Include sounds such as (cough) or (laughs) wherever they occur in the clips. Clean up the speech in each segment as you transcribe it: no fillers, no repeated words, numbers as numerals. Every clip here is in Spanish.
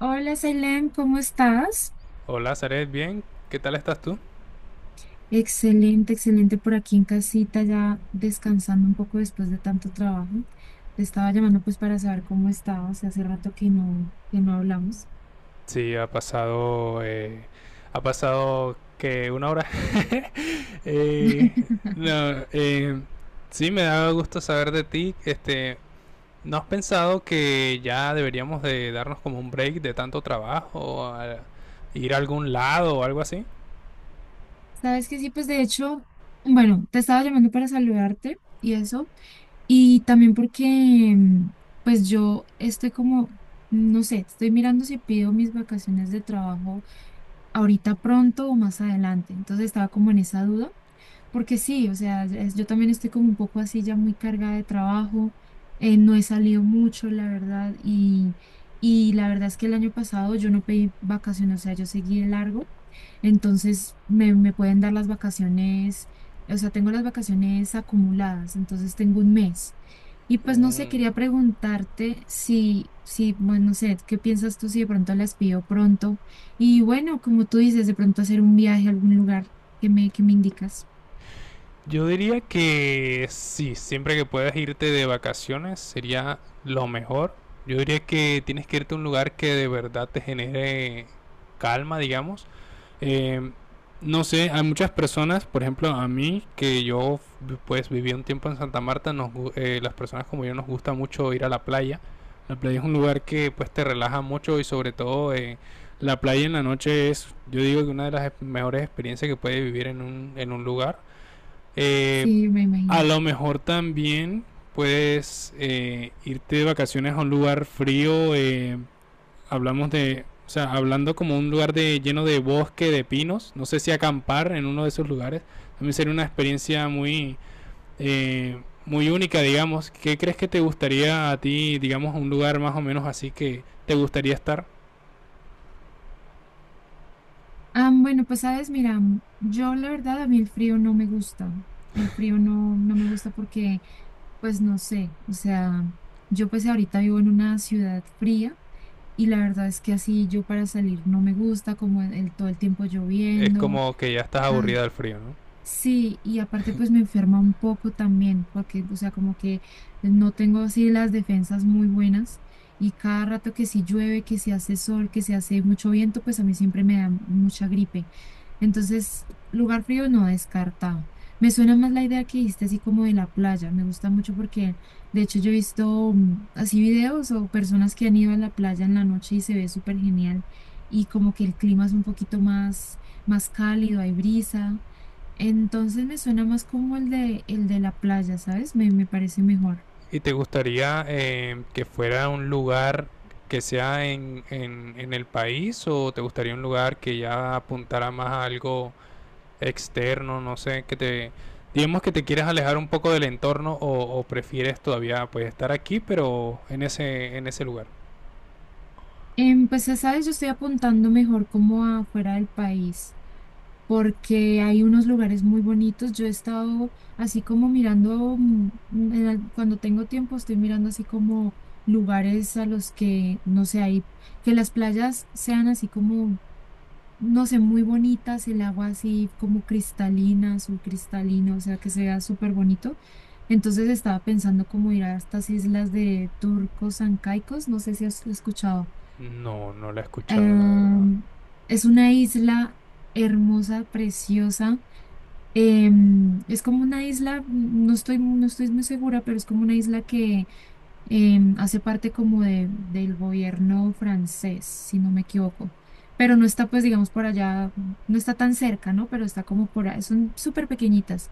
Hola, Selene, ¿cómo estás? Hola, Zaret, bien. ¿Qué tal estás tú? Excelente, excelente por aquí en casita, ya descansando un poco después de tanto trabajo. Te estaba llamando pues para saber cómo estabas, hace rato que no hablamos. Sí, ha pasado que una hora. (laughs) Eh, (laughs) no, sí, me da gusto saber de ti. ¿No has pensado que ya deberíamos de darnos como un break de tanto trabajo, ir a algún lado o algo así? Sabes que sí, pues de hecho, bueno, te estaba llamando para saludarte y eso, y también porque mm, pues yo estoy como, no sé, estoy mirando si pido mis vacaciones de trabajo ahorita pronto o más adelante, entonces estaba como en esa duda. Porque sí, o sea, yo también estoy como un poco así ya muy cargada de trabajo, no he salido mucho, la verdad, y la verdad es que el año pasado yo no pedí vacaciones, o sea, yo seguí de largo, entonces me pueden dar las vacaciones, o sea, tengo las vacaciones acumuladas, entonces tengo un mes. Y pues no sé, Mm. quería preguntarte si, bueno, no sé, ¿qué piensas tú si de pronto las pido pronto? Y bueno, como tú dices, de pronto hacer un viaje a algún lugar que me indicas. Yo diría que sí, siempre que puedas irte de vacaciones sería lo mejor. Yo diría que tienes que irte a un lugar que de verdad te genere calma, digamos. Eh, no sé, hay muchas personas, por ejemplo, a mí, que yo pues viví un tiempo en Santa Marta, las personas como yo nos gusta mucho ir a la playa. La playa es un lugar que pues te relaja mucho y sobre todo la playa en la noche es, yo digo que una de las mejores experiencias que puedes vivir en en un lugar. Eh, Sí, me a imagino. lo mejor también puedes irte de vacaciones a un lugar frío. Hablamos de, o sea, hablando como un lugar de, lleno de bosque, de pinos. No sé si acampar en uno de esos lugares. También sería una experiencia muy única, digamos. ¿Qué crees que te gustaría a ti, digamos, un lugar más o menos así que te gustaría estar? Ah, bueno, pues sabes, mira, yo la verdad a mí el frío no me gusta. El frío no, no me gusta porque, pues no sé, o sea, yo pues ahorita vivo en una ciudad fría y la verdad es que así yo para salir no me gusta, como todo el tiempo Es lloviendo. como que ya estás aburrida Ay, del frío, ¿no? sí, y aparte pues me enferma un poco también, porque, o sea, como que no tengo así las defensas muy buenas y cada rato que si llueve, que si hace sol, que si hace mucho viento, pues a mí siempre me da mucha gripe. Entonces, lugar frío no descartado. Me suena más la idea que hiciste así como de la playa, me gusta mucho porque de hecho yo he visto así videos o personas que han ido a la playa en la noche y se ve súper genial y como que el clima es un poquito más cálido, hay brisa. Entonces me suena más como el de la playa, ¿sabes? Me parece mejor. ¿Y te gustaría que fuera un lugar que sea en el país o te gustaría un lugar que ya apuntara más a algo externo, no sé, que te... Digamos que te quieres alejar un poco del entorno o prefieres todavía pues estar aquí pero en en ese lugar. Pues ya sabes, yo estoy apuntando mejor como afuera del país, porque hay unos lugares muy bonitos. Yo he estado así como mirando, cuando tengo tiempo, estoy mirando así como lugares a los que, no sé, hay, que las playas sean así como no sé, muy bonitas, el agua así como cristalina, azul cristalina, o sea, que se vea súper bonito. Entonces estaba pensando cómo ir a estas islas de Turcos Ancaicos, no sé si has escuchado. No, no la he escuchado, la verdad. Em, es una isla hermosa, preciosa. Em, es como una isla, no estoy muy segura, pero es como una isla que em, hace parte como del gobierno francés, si no me equivoco. Pero no está, pues, digamos, por allá, no está tan cerca, ¿no? Pero está como por ahí, son súper pequeñitas.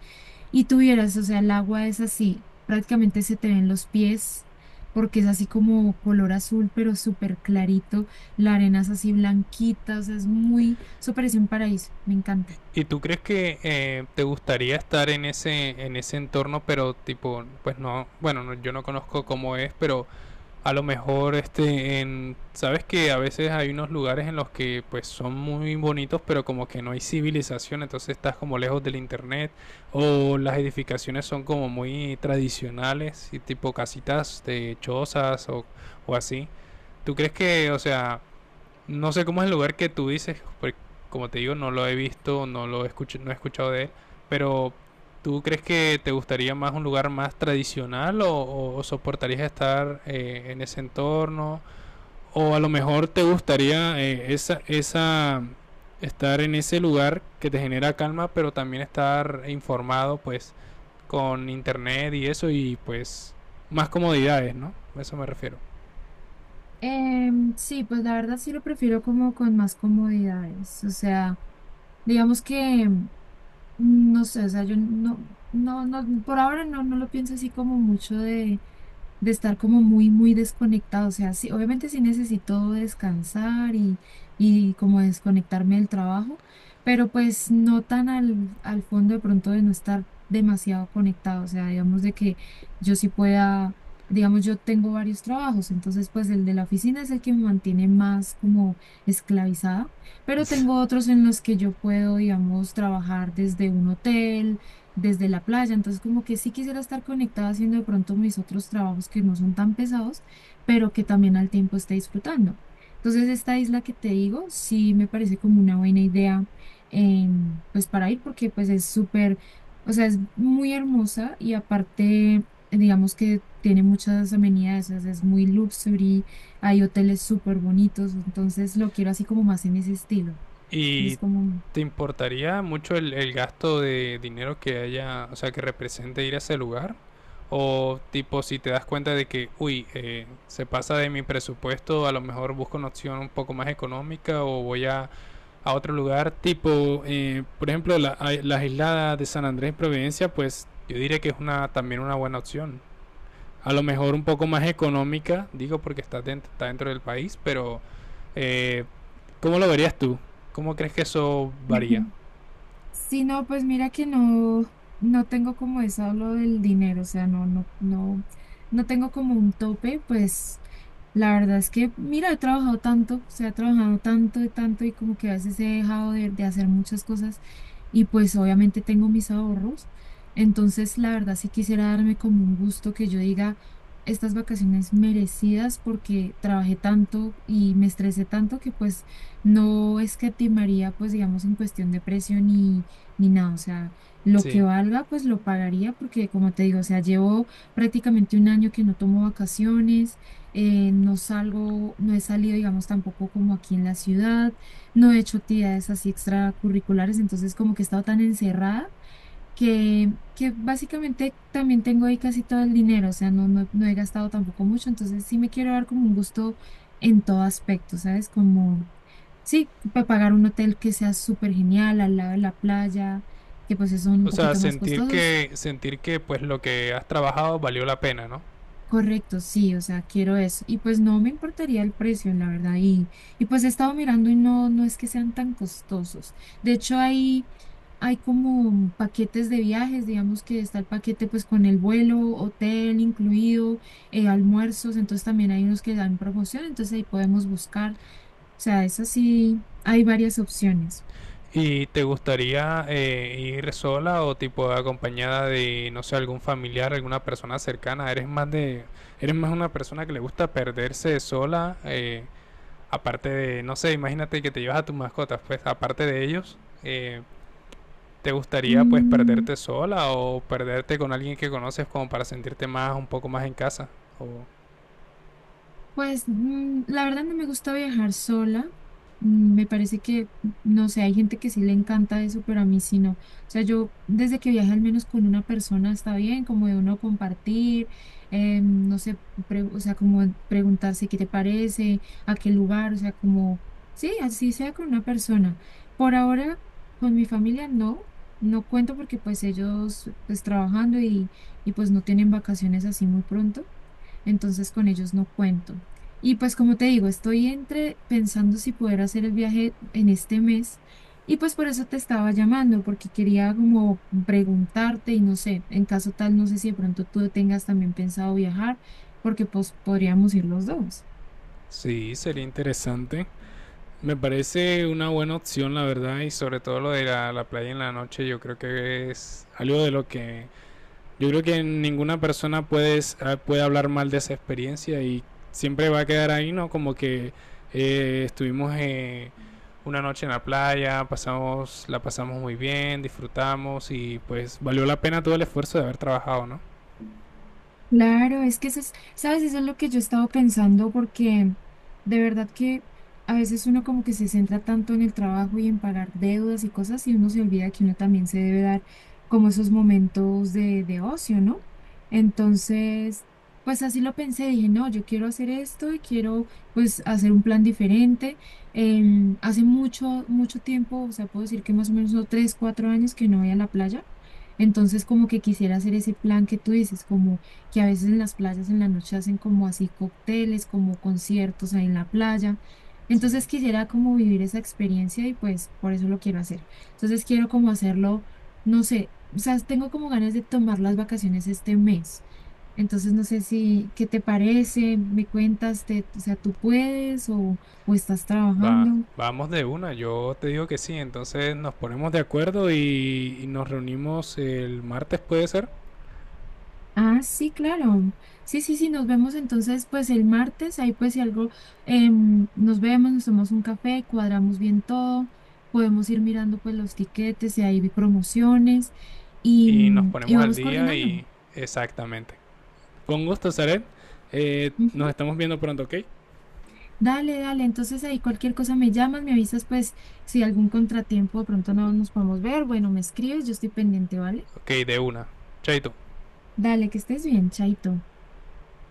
Y tú vieras, o sea, el agua es así, prácticamente se te ven los pies, porque es así como color azul, pero súper clarito. La arena es así blanquita, o sea, es muy, eso parece un paraíso, me encanta. ¿Y tú crees que te gustaría estar en en ese entorno, pero tipo, pues no, bueno, yo no conozco cómo es, pero a lo mejor este en sabes que a veces hay unos lugares en los que pues son muy bonitos pero como que no hay civilización entonces estás como lejos del internet o las edificaciones son como muy tradicionales y tipo casitas de chozas o así tú crees que o sea no sé cómo es el lugar que tú dices, porque como te digo, no lo he visto, no he escuchado de él, pero ¿tú crees que te gustaría más un lugar más tradicional soportarías estar en ese entorno? O a lo mejor te gustaría estar en ese lugar que te genera calma, pero también estar informado pues con internet y eso y pues más comodidades, ¿no? A eso me refiero. Em, sí, pues la verdad sí lo prefiero como con más comodidades, o sea, digamos que no sé, o sea, yo no, no, no, por ahora no lo pienso así como mucho de estar como muy, muy desconectado. O sea, sí, obviamente sí necesito descansar y como desconectarme del trabajo, pero pues no tan al fondo de pronto de no estar demasiado conectado. O sea, digamos de que yo sí pueda, digamos, yo tengo varios trabajos, entonces pues el de la oficina es el que me mantiene más como esclavizada, pero (laughs) tengo otros en los que yo puedo, digamos, trabajar desde un hotel, desde la playa, entonces como que sí quisiera estar conectada haciendo de pronto mis otros trabajos que no son tan pesados, pero que también al tiempo esté disfrutando. Entonces esta isla que te digo, sí me parece como una buena idea, em, pues para ir, porque pues es súper, o sea, es muy hermosa y aparte, digamos que tiene muchas amenidades, o sea, es muy luxury, hay hoteles súper bonitos, entonces lo quiero así como más en ese estilo. ¿Y Entonces como… te importaría mucho el gasto de dinero que haya, o sea, que represente ir a ese lugar? O tipo, si te das cuenta de que, uy, se pasa de mi presupuesto, a lo mejor busco una opción un poco más económica o voy a otro lugar, tipo, por ejemplo, las islas de San Andrés y Providencia, pues yo diría que es una también una buena opción a lo mejor un poco más económica, digo porque está dentro del país, pero eh, ¿cómo lo verías tú? ¿Cómo crees que eso varía? (laughs) Sí, no, pues mira que no tengo como eso lo del dinero, o sea, no tengo como un tope, pues la verdad es que, mira, he trabajado tanto, o sea, he trabajado tanto y tanto y como que a veces he dejado de hacer muchas cosas y pues obviamente tengo mis ahorros, entonces la verdad sí quisiera darme como un gusto que yo diga estas vacaciones merecidas porque trabajé tanto y me estresé tanto que pues no escatimaría, pues digamos, en cuestión de precio ni ni nada. O sea, lo que Sí. valga, pues lo pagaría porque, como te digo, o sea, llevo prácticamente un año que no tomo vacaciones, no salgo, no he salido, digamos, tampoco como aquí en la ciudad, no he hecho actividades así extracurriculares, entonces como que he estado tan encerrada que básicamente también tengo ahí casi todo el dinero, o sea, no he gastado tampoco mucho, entonces sí me quiero dar como un gusto en todo aspecto, ¿sabes? Como, sí, para pagar un hotel que sea súper genial al lado de la playa, que pues son un O sea, poquito más costosos. Sentir que pues lo que has trabajado valió la pena, ¿no? Correcto, sí, o sea, quiero eso. Y pues no me importaría el precio, la verdad. Y pues he estado mirando y no, no es que sean tan costosos. De hecho, hay como paquetes de viajes, digamos que está el paquete pues con el vuelo, hotel incluido, almuerzos, entonces también hay unos que dan promoción, entonces ahí podemos buscar. O sea, eso sí, hay varias opciones. ¿Y te gustaría ir sola o tipo acompañada de, no sé, algún familiar, alguna persona cercana? ¿Eres más de, eres más una persona que le gusta perderse sola? Aparte de, no sé, imagínate que te llevas a tus mascotas, pues aparte de ellos, eh, ¿te gustaría pues Mm. perderte sola o perderte con alguien que conoces como para sentirte más, un poco más en casa? O... Pues la verdad no me gusta viajar sola. Mm, me parece que, no sé, hay gente que sí le encanta eso, pero a mí sí no. O sea, yo desde que viaje al menos con una persona está bien, como de uno compartir, no sé, o sea, como preguntarse qué te parece, a qué lugar, o sea, como, sí, así sea con una persona. Por ahora, con mi familia no cuento porque pues ellos pues trabajando y pues no tienen vacaciones así muy pronto, entonces con ellos no cuento. Y pues como te digo, estoy entre pensando si poder hacer el viaje en este mes y pues por eso te estaba llamando, porque quería como preguntarte y no sé, en caso tal, no sé si de pronto tú tengas también pensado viajar, porque pues podríamos ir los dos. Sí, sería interesante. Me parece una buena opción, la verdad, y sobre todo lo de la playa en la noche, yo creo que es algo de lo que yo creo que puede hablar mal de esa experiencia y siempre va a quedar ahí, ¿no? Como que estuvimos una noche en la playa, la pasamos muy bien, disfrutamos y pues valió la pena todo el esfuerzo de haber trabajado, ¿no? Claro, es que eso es, sabes, eso es lo que yo he estado pensando porque de verdad que a veces uno como que se centra tanto en el trabajo y en pagar deudas y cosas y uno se olvida que uno también se debe dar como esos momentos de ocio, ¿no? Entonces, pues así lo pensé, dije, no, yo quiero hacer esto y quiero pues hacer un plan diferente. Em, hace mucho, mucho tiempo, o sea, puedo decir que más o menos no, tres, cuatro años que no voy a la playa. Entonces, como que quisiera hacer ese plan que tú dices, como que a veces en las playas en la noche hacen como así cócteles, como conciertos ahí en la playa. Sí. Entonces quisiera como vivir esa experiencia y pues por eso lo quiero hacer. Entonces quiero como hacerlo, no sé, o sea, tengo como ganas de tomar las vacaciones este mes. Entonces no sé si, ¿qué te parece? ¿Me cuentas? Te, o sea, ¿tú puedes o estás Va, trabajando? vamos de una, yo te digo que sí, entonces nos ponemos de acuerdo y nos reunimos el martes puede ser Ah, sí, claro. Sí, sí, sí, nos vemos entonces pues el martes, ahí pues si algo, em, nos vemos, nos tomamos un café, cuadramos bien todo, podemos ir mirando pues los tiquetes, si hay promociones y, y nos y ponemos al vamos día coordinando. y exactamente. Con gusto, Saret. Ujú. Nos estamos viendo pronto, ¿ok? Dale, dale, entonces ahí cualquier cosa me llamas, me avisas pues si algún contratiempo de pronto no nos podemos ver, bueno, me escribes, yo estoy pendiente, ¿vale? Ok, de una. Chaito. Dale, que estés bien, chaito.